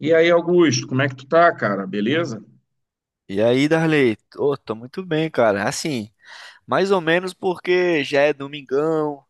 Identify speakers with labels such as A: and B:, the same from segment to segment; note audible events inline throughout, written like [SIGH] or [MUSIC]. A: E aí, Augusto, como é que tu tá, cara? Beleza?
B: E aí, Darley? Ô, tô muito bem, cara. Assim, mais ou menos porque já é domingão,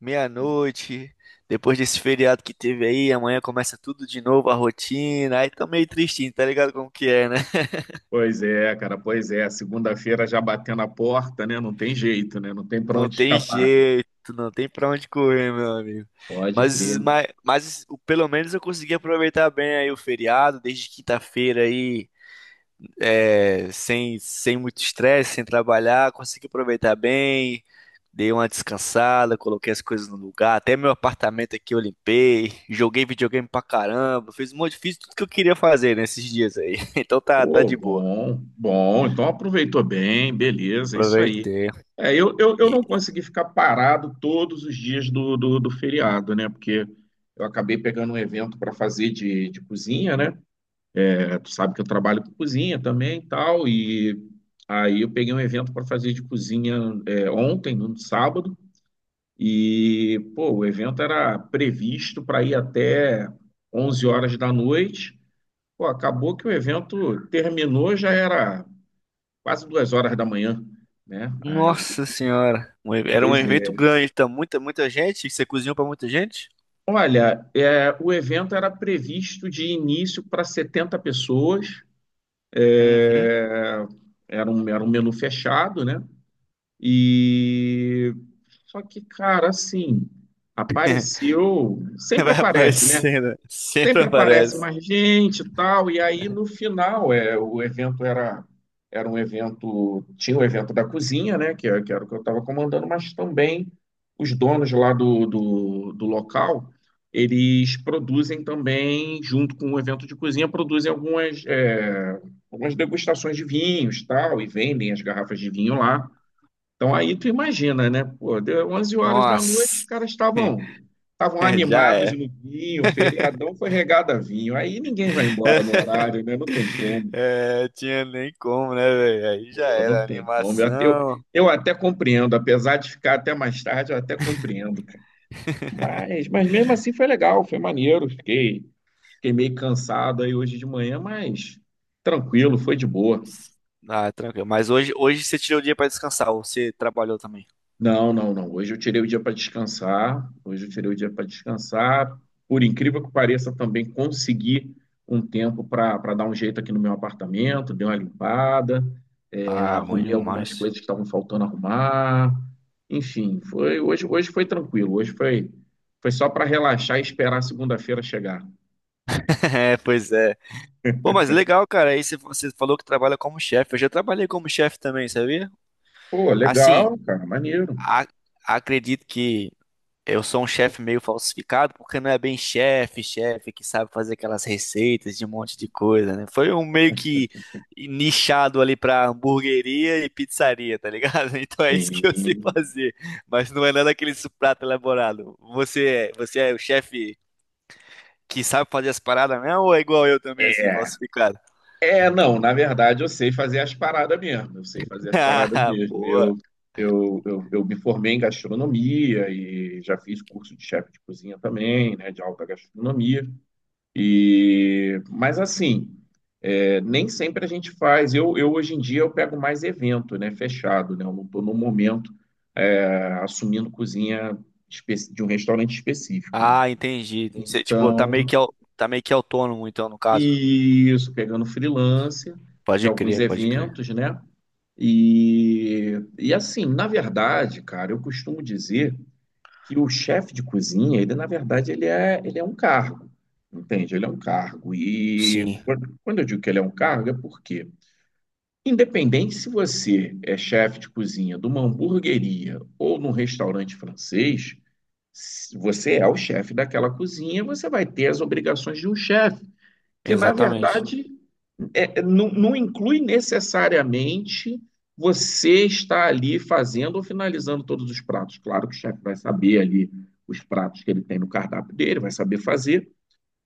B: meia-noite, depois desse feriado que teve aí, amanhã começa tudo de novo, a rotina. Aí tô meio tristinho, tá ligado como que é, né? [LAUGHS]
A: Pois é, cara, pois é. Segunda-feira já batendo a porta, né? Não tem jeito, né? Não tem pra
B: Não
A: onde
B: tem
A: escapar.
B: jeito, não tem pra onde correr, meu amigo.
A: Pode crer.
B: Pelo menos eu consegui aproveitar bem aí o feriado, desde quinta-feira aí. Sem muito estresse, sem trabalhar, consegui aproveitar bem, dei uma descansada, coloquei as coisas no lugar, até meu apartamento aqui eu limpei, joguei videogame pra caramba, fiz um monte, fiz tudo que eu queria fazer nesses dias aí. [LAUGHS] Então tá, tá
A: Pô,
B: de boa.
A: bom, bom. Então aproveitou bem, beleza, é isso aí.
B: Aproveitei.
A: É, eu
B: E-
A: não consegui ficar parado todos os dias do feriado, né? Porque eu acabei pegando um evento para fazer de cozinha, né? É, tu sabe que eu trabalho com cozinha também e tal, e aí eu peguei um evento para fazer de cozinha ontem, no sábado. E, pô, o evento era previsto para ir até 11 horas da noite. Pô, acabou que o evento terminou, já era quase 2 horas da manhã, né? Aí,
B: Nossa senhora, era um
A: pois
B: evento
A: é.
B: grande, tá muita, muita gente, você cozinhou pra muita gente?
A: Olha, o evento era previsto de início para 70 pessoas.
B: Uhum.
A: É, era um menu fechado, né? E só que, cara, assim, apareceu,
B: [LAUGHS]
A: sempre
B: Vai
A: aparece, né?
B: aparecendo, sempre
A: Sempre aparece
B: aparece.
A: mais gente e tal, e aí no final o evento era, tinha o evento da cozinha, né, que era o que eu estava comandando, mas também os donos lá do local, eles produzem também, junto com o evento de cozinha, produzem algumas degustações de vinhos tal, e vendem as garrafas de vinho lá. Então aí tu imagina, né? Pô, deu 11 horas da noite, os
B: Nossa,
A: caras estavam
B: [LAUGHS] já
A: animados
B: é.
A: no vinho, feriadão foi regado a vinho. Aí ninguém vai embora no horário, né? Não tem como,
B: É, tinha nem como, né, velho? Aí já
A: pô, não
B: era
A: tem como. Eu, até- eu,
B: animação.
A: eu até compreendo, apesar de ficar até mais tarde, eu até compreendo, cara. Mas mesmo assim foi legal, foi maneiro. Fiquei meio cansado aí hoje de manhã, mas tranquilo, foi de boa.
B: Ah, tranquilo. Mas hoje, hoje você tirou o dia pra descansar, ou você trabalhou também?
A: Não, não, não. Hoje eu tirei o dia para descansar. Hoje eu tirei o dia para descansar. Por incrível que pareça, também consegui um tempo para dar um jeito aqui no meu apartamento, dei uma limpada,
B: Ah, bom
A: arrumei algumas
B: demais.
A: coisas que estavam faltando arrumar. Enfim, foi hoje, hoje foi tranquilo. Hoje foi só para relaxar e esperar a segunda-feira chegar.
B: [LAUGHS] É, pois é. Pô, mas legal, cara. Aí você, você falou que trabalha como chefe. Eu já trabalhei como chefe também, sabia?
A: Pô,
B: Assim,
A: legal, cara, maneiro.
B: a- acredito que eu sou um chefe meio falsificado, porque não é bem chefe, chefe que sabe fazer aquelas receitas de um monte de coisa, né? Foi um meio que nichado ali pra hamburgueria e pizzaria, tá ligado? [LAUGHS] Então é isso que eu sei
A: Sim.
B: fazer, mas não é nada aquele prato elaborado. Você é o chefe que sabe fazer as paradas mesmo ou é igual eu também, assim,
A: É.
B: falsificado?
A: É, não, na verdade eu sei fazer as paradas mesmo, eu sei
B: [LAUGHS]
A: fazer as paradas
B: Ah,
A: mesmo.
B: boa.
A: Eu me formei em gastronomia e já fiz curso de chefe de cozinha também, né, de alta gastronomia. E, mas assim, nem sempre a gente faz. Eu hoje em dia eu pego mais evento, né, fechado, né, eu não estou no momento é, assumindo cozinha de um restaurante específico, né.
B: Ah, entendi. Você, tipo, tá meio
A: Então,
B: que, tá meio que autônomo, então, no caso.
A: e isso, pegando freelance de
B: Pode
A: alguns
B: crer, pode crer.
A: eventos, né? E assim, na verdade, cara, eu costumo dizer que o chefe de cozinha, ele na verdade ele é um cargo, entende? Ele é um cargo. E
B: Sim,
A: quando eu digo que ele é um cargo, é porque, independente se você é chefe de cozinha de uma hamburgueria ou num restaurante francês, se você é o chefe daquela cozinha, você vai ter as obrigações de um chefe, que na
B: exatamente.
A: verdade não inclui necessariamente você estar ali fazendo ou finalizando todos os pratos. Claro que o chefe vai saber ali os pratos que ele tem no cardápio dele, vai saber fazer,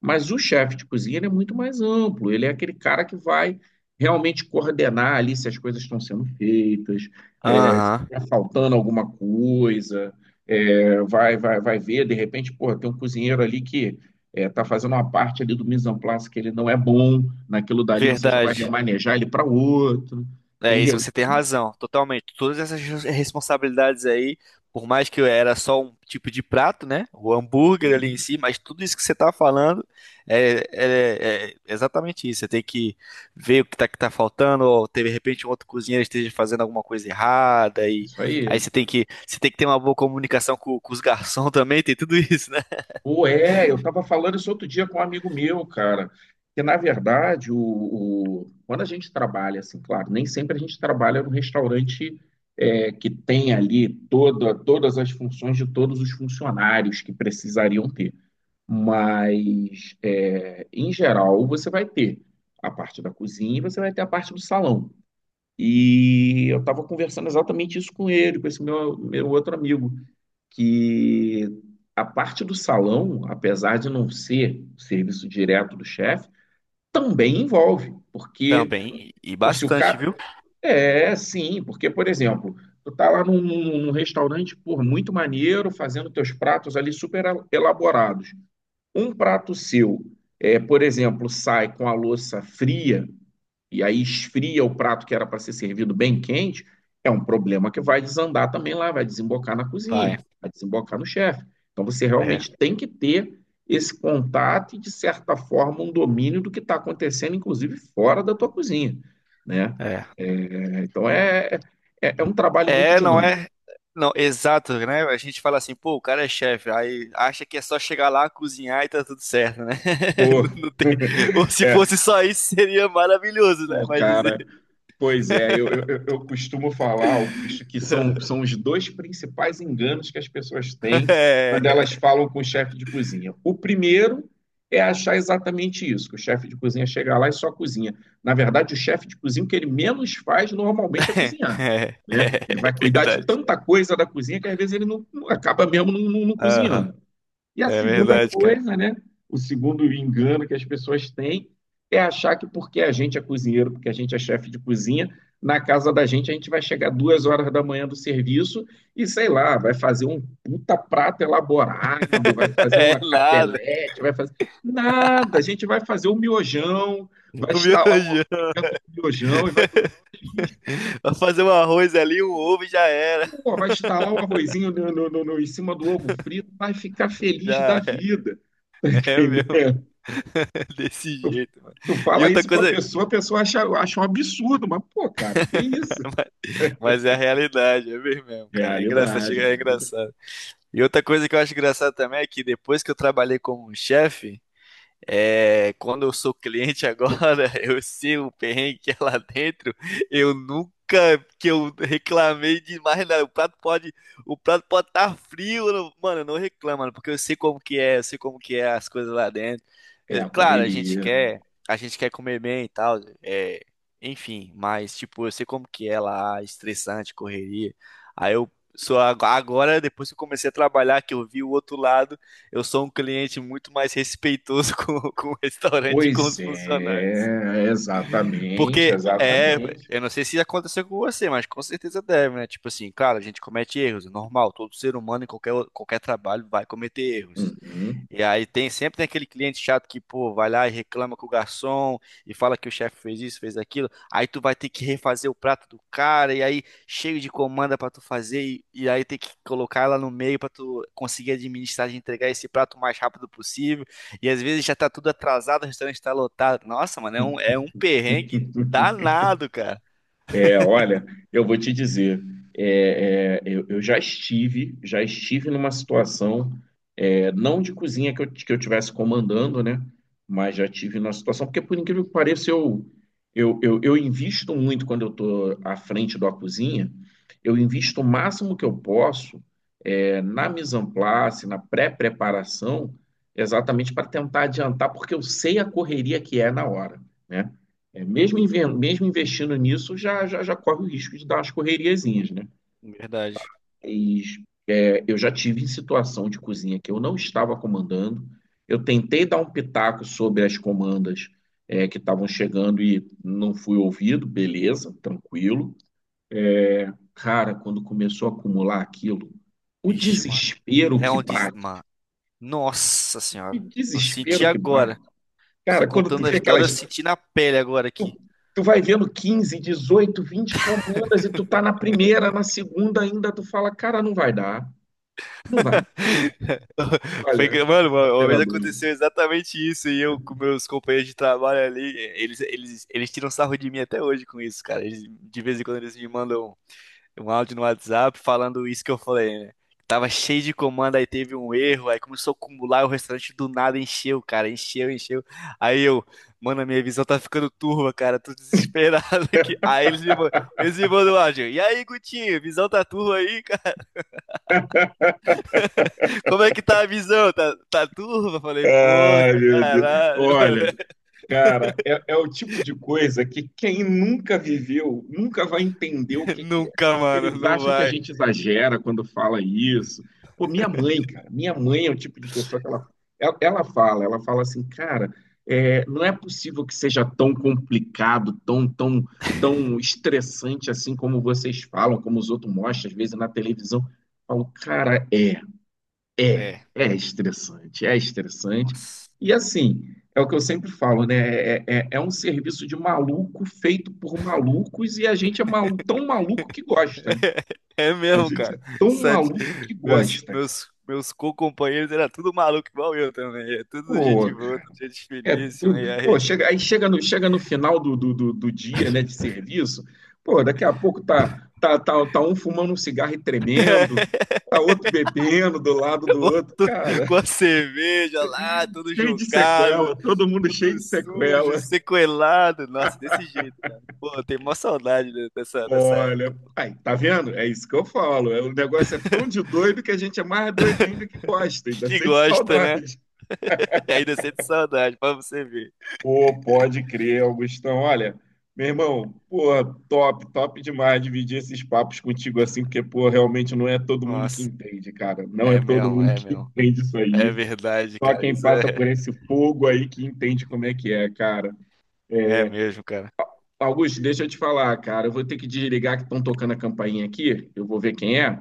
A: mas o chefe de cozinha ele é muito mais amplo, ele é aquele cara que vai realmente coordenar ali se as coisas estão sendo feitas, se
B: Aham,
A: está faltando alguma coisa, vai ver, de repente, pô, tem um cozinheiro ali que está fazendo uma parte ali do mise en place que ele não é bom, naquilo dali você já vai
B: verdade.
A: remanejar ele para outro,
B: É
A: entendeu?
B: isso, você tem razão, totalmente. Todas essas responsabilidades aí, por mais que era só um tipo de prato, né? O hambúrguer ali em si, mas tudo isso que você tá falando é, é exatamente isso. Você tem que ver o que tá faltando, ou de repente um outro cozinheiro esteja fazendo alguma coisa errada, e
A: Isso aí.
B: aí você tem que ter uma boa comunicação com os garçons [LAUGHS] também, tem tudo isso, né?
A: Pô, eu estava falando isso outro dia com um amigo meu, cara, que na verdade, quando a gente trabalha, assim, claro, nem sempre a gente trabalha num restaurante que tem ali todas as funções de todos os funcionários que precisariam ter. Mas, em geral, você vai ter a parte da cozinha e você vai ter a parte do salão. E eu estava conversando exatamente isso com ele, com esse meu outro amigo que a parte do salão, apesar de não ser o serviço direto do chefe, também envolve, porque
B: Também, e
A: se o
B: bastante,
A: cara.
B: viu?
A: É, sim, porque, por exemplo, tu tá lá num restaurante, por muito maneiro, fazendo teus pratos ali super elaborados. Um prato seu, por exemplo, sai com a louça fria, e aí esfria o prato que era para ser servido bem quente, é um problema que vai desandar também lá, vai desembocar na cozinha,
B: Vai,
A: vai desembocar no chefe. Então você
B: é,
A: realmente tem que ter esse contato e, de certa forma, um domínio do que está acontecendo, inclusive fora da tua cozinha, né?
B: é.
A: É, então é um trabalho muito dinâmico.
B: É. Não, exato, né? A gente fala assim, pô, o cara é chefe, aí acha que é só chegar lá, cozinhar e tá tudo certo, né? [LAUGHS]
A: Pô,
B: Não, não tem. Ou
A: [LAUGHS]
B: se
A: é,
B: fosse só isso, seria maravilhoso, né?
A: pô,
B: Mas dizer.
A: cara, pois é, eu, eu, eu
B: [LAUGHS]
A: eu costumo falar, Augusto, que são os dois principais enganos que as pessoas têm quando elas
B: É,
A: falam com o chefe de cozinha. O primeiro é achar exatamente isso, que o chefe de cozinha chega lá e só cozinha. Na verdade, o chefe de cozinha, o que ele menos faz normalmente é
B: é,
A: cozinhar, né? Ele vai
B: é
A: cuidar de
B: verdade.
A: tanta coisa da cozinha que às vezes ele não, não- acaba mesmo não
B: Aham,
A: cozinhando. E a
B: é
A: segunda
B: verdade, cara.
A: coisa, né? O segundo engano que as pessoas têm é achar que porque a gente é cozinheiro, porque a gente é chefe de cozinha, na casa da gente a gente vai chegar 2 horas da manhã do serviço e, sei lá, vai fazer um puta prato elaborado, vai
B: [LAUGHS]
A: fazer
B: É
A: uma
B: nada.
A: capelete, vai fazer. Nada, a gente vai fazer o miojão, vai
B: O meu
A: instalar o
B: feijão.
A: miojão e vai feliz.
B: [LAUGHS] Pra fazer um arroz ali, um ovo e já era.
A: Pô, vai instalar o
B: [LAUGHS]
A: arrozinho em cima do ovo frito, vai ficar feliz da
B: Já.
A: vida, [LAUGHS]
B: É mesmo.
A: entendeu?
B: [LAUGHS] Desse
A: Tu,
B: jeito, mano.
A: tu
B: E
A: fala
B: outra
A: isso pra
B: coisa, [LAUGHS]
A: pessoa, a pessoa acha, acha um absurdo, mas, pô, cara, que isso?
B: mas mas é a realidade, é ver mesmo, cara. É engraçado,
A: Realidade,
B: chega, é
A: realidade.
B: engraçado. E outra coisa que eu acho engraçado também é que depois que eu trabalhei como chefe, é, quando eu sou cliente agora, [LAUGHS] eu sei o perrengue que é lá dentro. Eu nunca que eu reclamei demais, né? O prato pode estar frio, eu não- mano, eu não reclamo, mano, porque eu sei como que é, eu sei como que é as coisas lá dentro.
A: É
B: É,
A: a
B: claro,
A: correria.
B: a gente quer comer bem e tal, é, enfim, mas tipo, eu sei como que é lá, estressante, correria. Aí eu sou agora, depois que eu comecei a trabalhar, que eu vi o outro lado, eu sou um cliente muito mais respeitoso [LAUGHS] com o restaurante e com
A: Pois
B: os funcionários.
A: é, exatamente,
B: Porque é,
A: exatamente.
B: eu não sei se aconteceu com você, mas com certeza deve, né? Tipo assim, cara, a gente comete erros, é normal, todo ser humano em qualquer, qualquer trabalho vai cometer erros.
A: Uhum.
B: E aí tem aquele cliente chato que, pô, vai lá e reclama com o garçom e fala que o chefe fez isso, fez aquilo. Aí tu vai ter que refazer o prato do cara e aí cheio de comanda pra tu fazer e aí tem que colocar ela no meio pra tu conseguir administrar e entregar esse prato o mais rápido possível. E às vezes já tá tudo atrasado, o restaurante tá lotado. Nossa, mano, é um perrengue danado, cara.
A: É, olha, eu vou te dizer, eu já estive numa situação, não de cozinha que eu tivesse comandando, né? Mas já tive numa situação, porque por incrível que pareça, eu invisto muito quando eu estou à frente da cozinha, eu invisto o máximo que eu posso na mise en place, na pré-preparação, exatamente para tentar adiantar, porque eu sei a correria que é na hora, né? É, mesmo, mesmo investindo nisso, já corre o risco de dar umas correriazinhas, né?
B: Verdade.
A: E, eu já tive em situação de cozinha que eu não estava comandando, eu tentei dar um pitaco sobre as comandas que estavam chegando e não fui ouvido, beleza, tranquilo. Cara, quando começou a acumular aquilo, o
B: Vixe, mano.
A: desespero
B: É
A: que
B: onde.
A: bate.
B: Mano. Nossa
A: Que
B: senhora. Eu senti
A: desespero que bate.
B: agora. Você
A: Cara, quando tu
B: contando a
A: vê
B: história,
A: aquelas.
B: eu senti na pele agora
A: Tu,
B: aqui.
A: tu vai vendo 15, 18, 20 comandas e tu tá na primeira, na segunda ainda, tu fala, cara, não vai dar. Não vai.
B: [LAUGHS] Foi,
A: Olha,
B: mano, uma vez
A: imperador.
B: aconteceu exatamente isso e eu com meus companheiros de trabalho ali, eles tiram sarro de mim até hoje com isso, cara. De vez em quando eles me mandam um áudio no WhatsApp falando isso que eu falei, né? Tava cheio de comando, aí teve um erro, aí começou a acumular, o restaurante do nada encheu, cara, encheu, encheu. Aí eu, mano, a minha visão tá ficando turva, cara, tô desesperado [LAUGHS] aqui. Aí eles me mandam o áudio, e aí, Gutinho, visão tá turva aí, [LAUGHS] cara? Como é que tá a visão? Tá turva? Falei, pô,
A: Ai, meu Deus.
B: sacanagem, mano.
A: Olha, cara, é o tipo de coisa que quem nunca viveu nunca vai entender o
B: [LAUGHS]
A: que que é.
B: Nunca, mano,
A: Eles
B: não
A: acham que a
B: vai.
A: gente exagera quando fala isso. Pô, minha mãe, cara, minha mãe é o tipo de pessoa que ela fala assim, cara, não é possível que seja tão complicado, tão estressante assim como vocês falam, como os outros mostram, às vezes na televisão. Eu falo, cara, é. É,
B: É,
A: é estressante, é estressante.
B: nossa.
A: E assim, é o que eu sempre falo, né? É um serviço de maluco feito por malucos e a gente tão maluco que gosta, né?
B: [LAUGHS] É
A: A
B: mesmo,
A: gente
B: cara.
A: é tão
B: Sete,
A: maluco que gosta.
B: meus co-companheiros era tudo maluco igual eu também. É tudo
A: Pô,
B: gente boa, tudo gente
A: é
B: finíssima.
A: tudo.
B: E
A: Pô,
B: aí?
A: chega, aí chega no final do dia, né, de serviço, pô, daqui a pouco tá um fumando um cigarro e tremendo,
B: [LAUGHS]
A: tá outro bebendo do lado do outro,
B: Outro
A: cara,
B: com a cerveja lá,
A: [LAUGHS]
B: tudo
A: cheio de
B: jogado,
A: sequela, todo mundo cheio
B: tudo
A: de
B: sujo,
A: sequela.
B: sequelado. Nossa, desse jeito, mano. Pô, eu tenho mó saudade dessa, dessa
A: Olha,
B: época.
A: aí, tá vendo? É isso que eu falo. É, o negócio é tão de
B: [LAUGHS]
A: doido que a gente é mais doido ainda que gosta, ainda
B: Que
A: sente [LAUGHS]
B: gosta, né?
A: saudade.
B: [LAUGHS] Ainda sente saudade, pra você ver.
A: Pô, pode crer, Augustão. Olha, meu irmão, porra, top, top demais dividir esses papos contigo assim, porque, pô, realmente não é todo mundo que
B: Nossa,
A: entende, cara. Não é
B: é
A: todo
B: mesmo,
A: mundo
B: é
A: que [LAUGHS]
B: mesmo.
A: entende isso
B: É
A: aí.
B: verdade,
A: Só
B: cara.
A: quem
B: Isso
A: passa
B: é,
A: por esse fogo aí que entende como é que é, cara.
B: é mesmo, cara.
A: Augusto, deixa eu te falar, cara. Eu vou ter que desligar que estão tocando a campainha aqui. Eu vou ver quem é.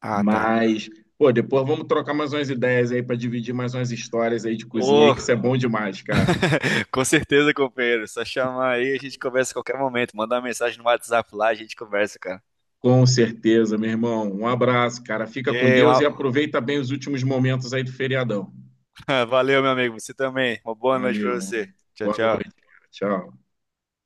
B: Ah, tá.
A: Mas, pô, depois vamos trocar mais umas ideias aí para dividir mais umas histórias aí de cozinha aí,
B: Ô,
A: que isso é bom demais, cara.
B: [LAUGHS] com certeza, companheiro. Só chamar aí, a gente conversa a qualquer momento. Mandar uma mensagem no WhatsApp lá, a gente conversa, cara.
A: Com certeza, meu irmão. Um abraço, cara. Fica com
B: Ei,
A: Deus e
B: uma-
A: aproveita bem os últimos momentos aí do feriadão.
B: [LAUGHS] Valeu, meu amigo. Você também. Uma boa noite pra
A: Valeu.
B: você. Tchau,
A: Boa noite.
B: tchau.
A: Tchau.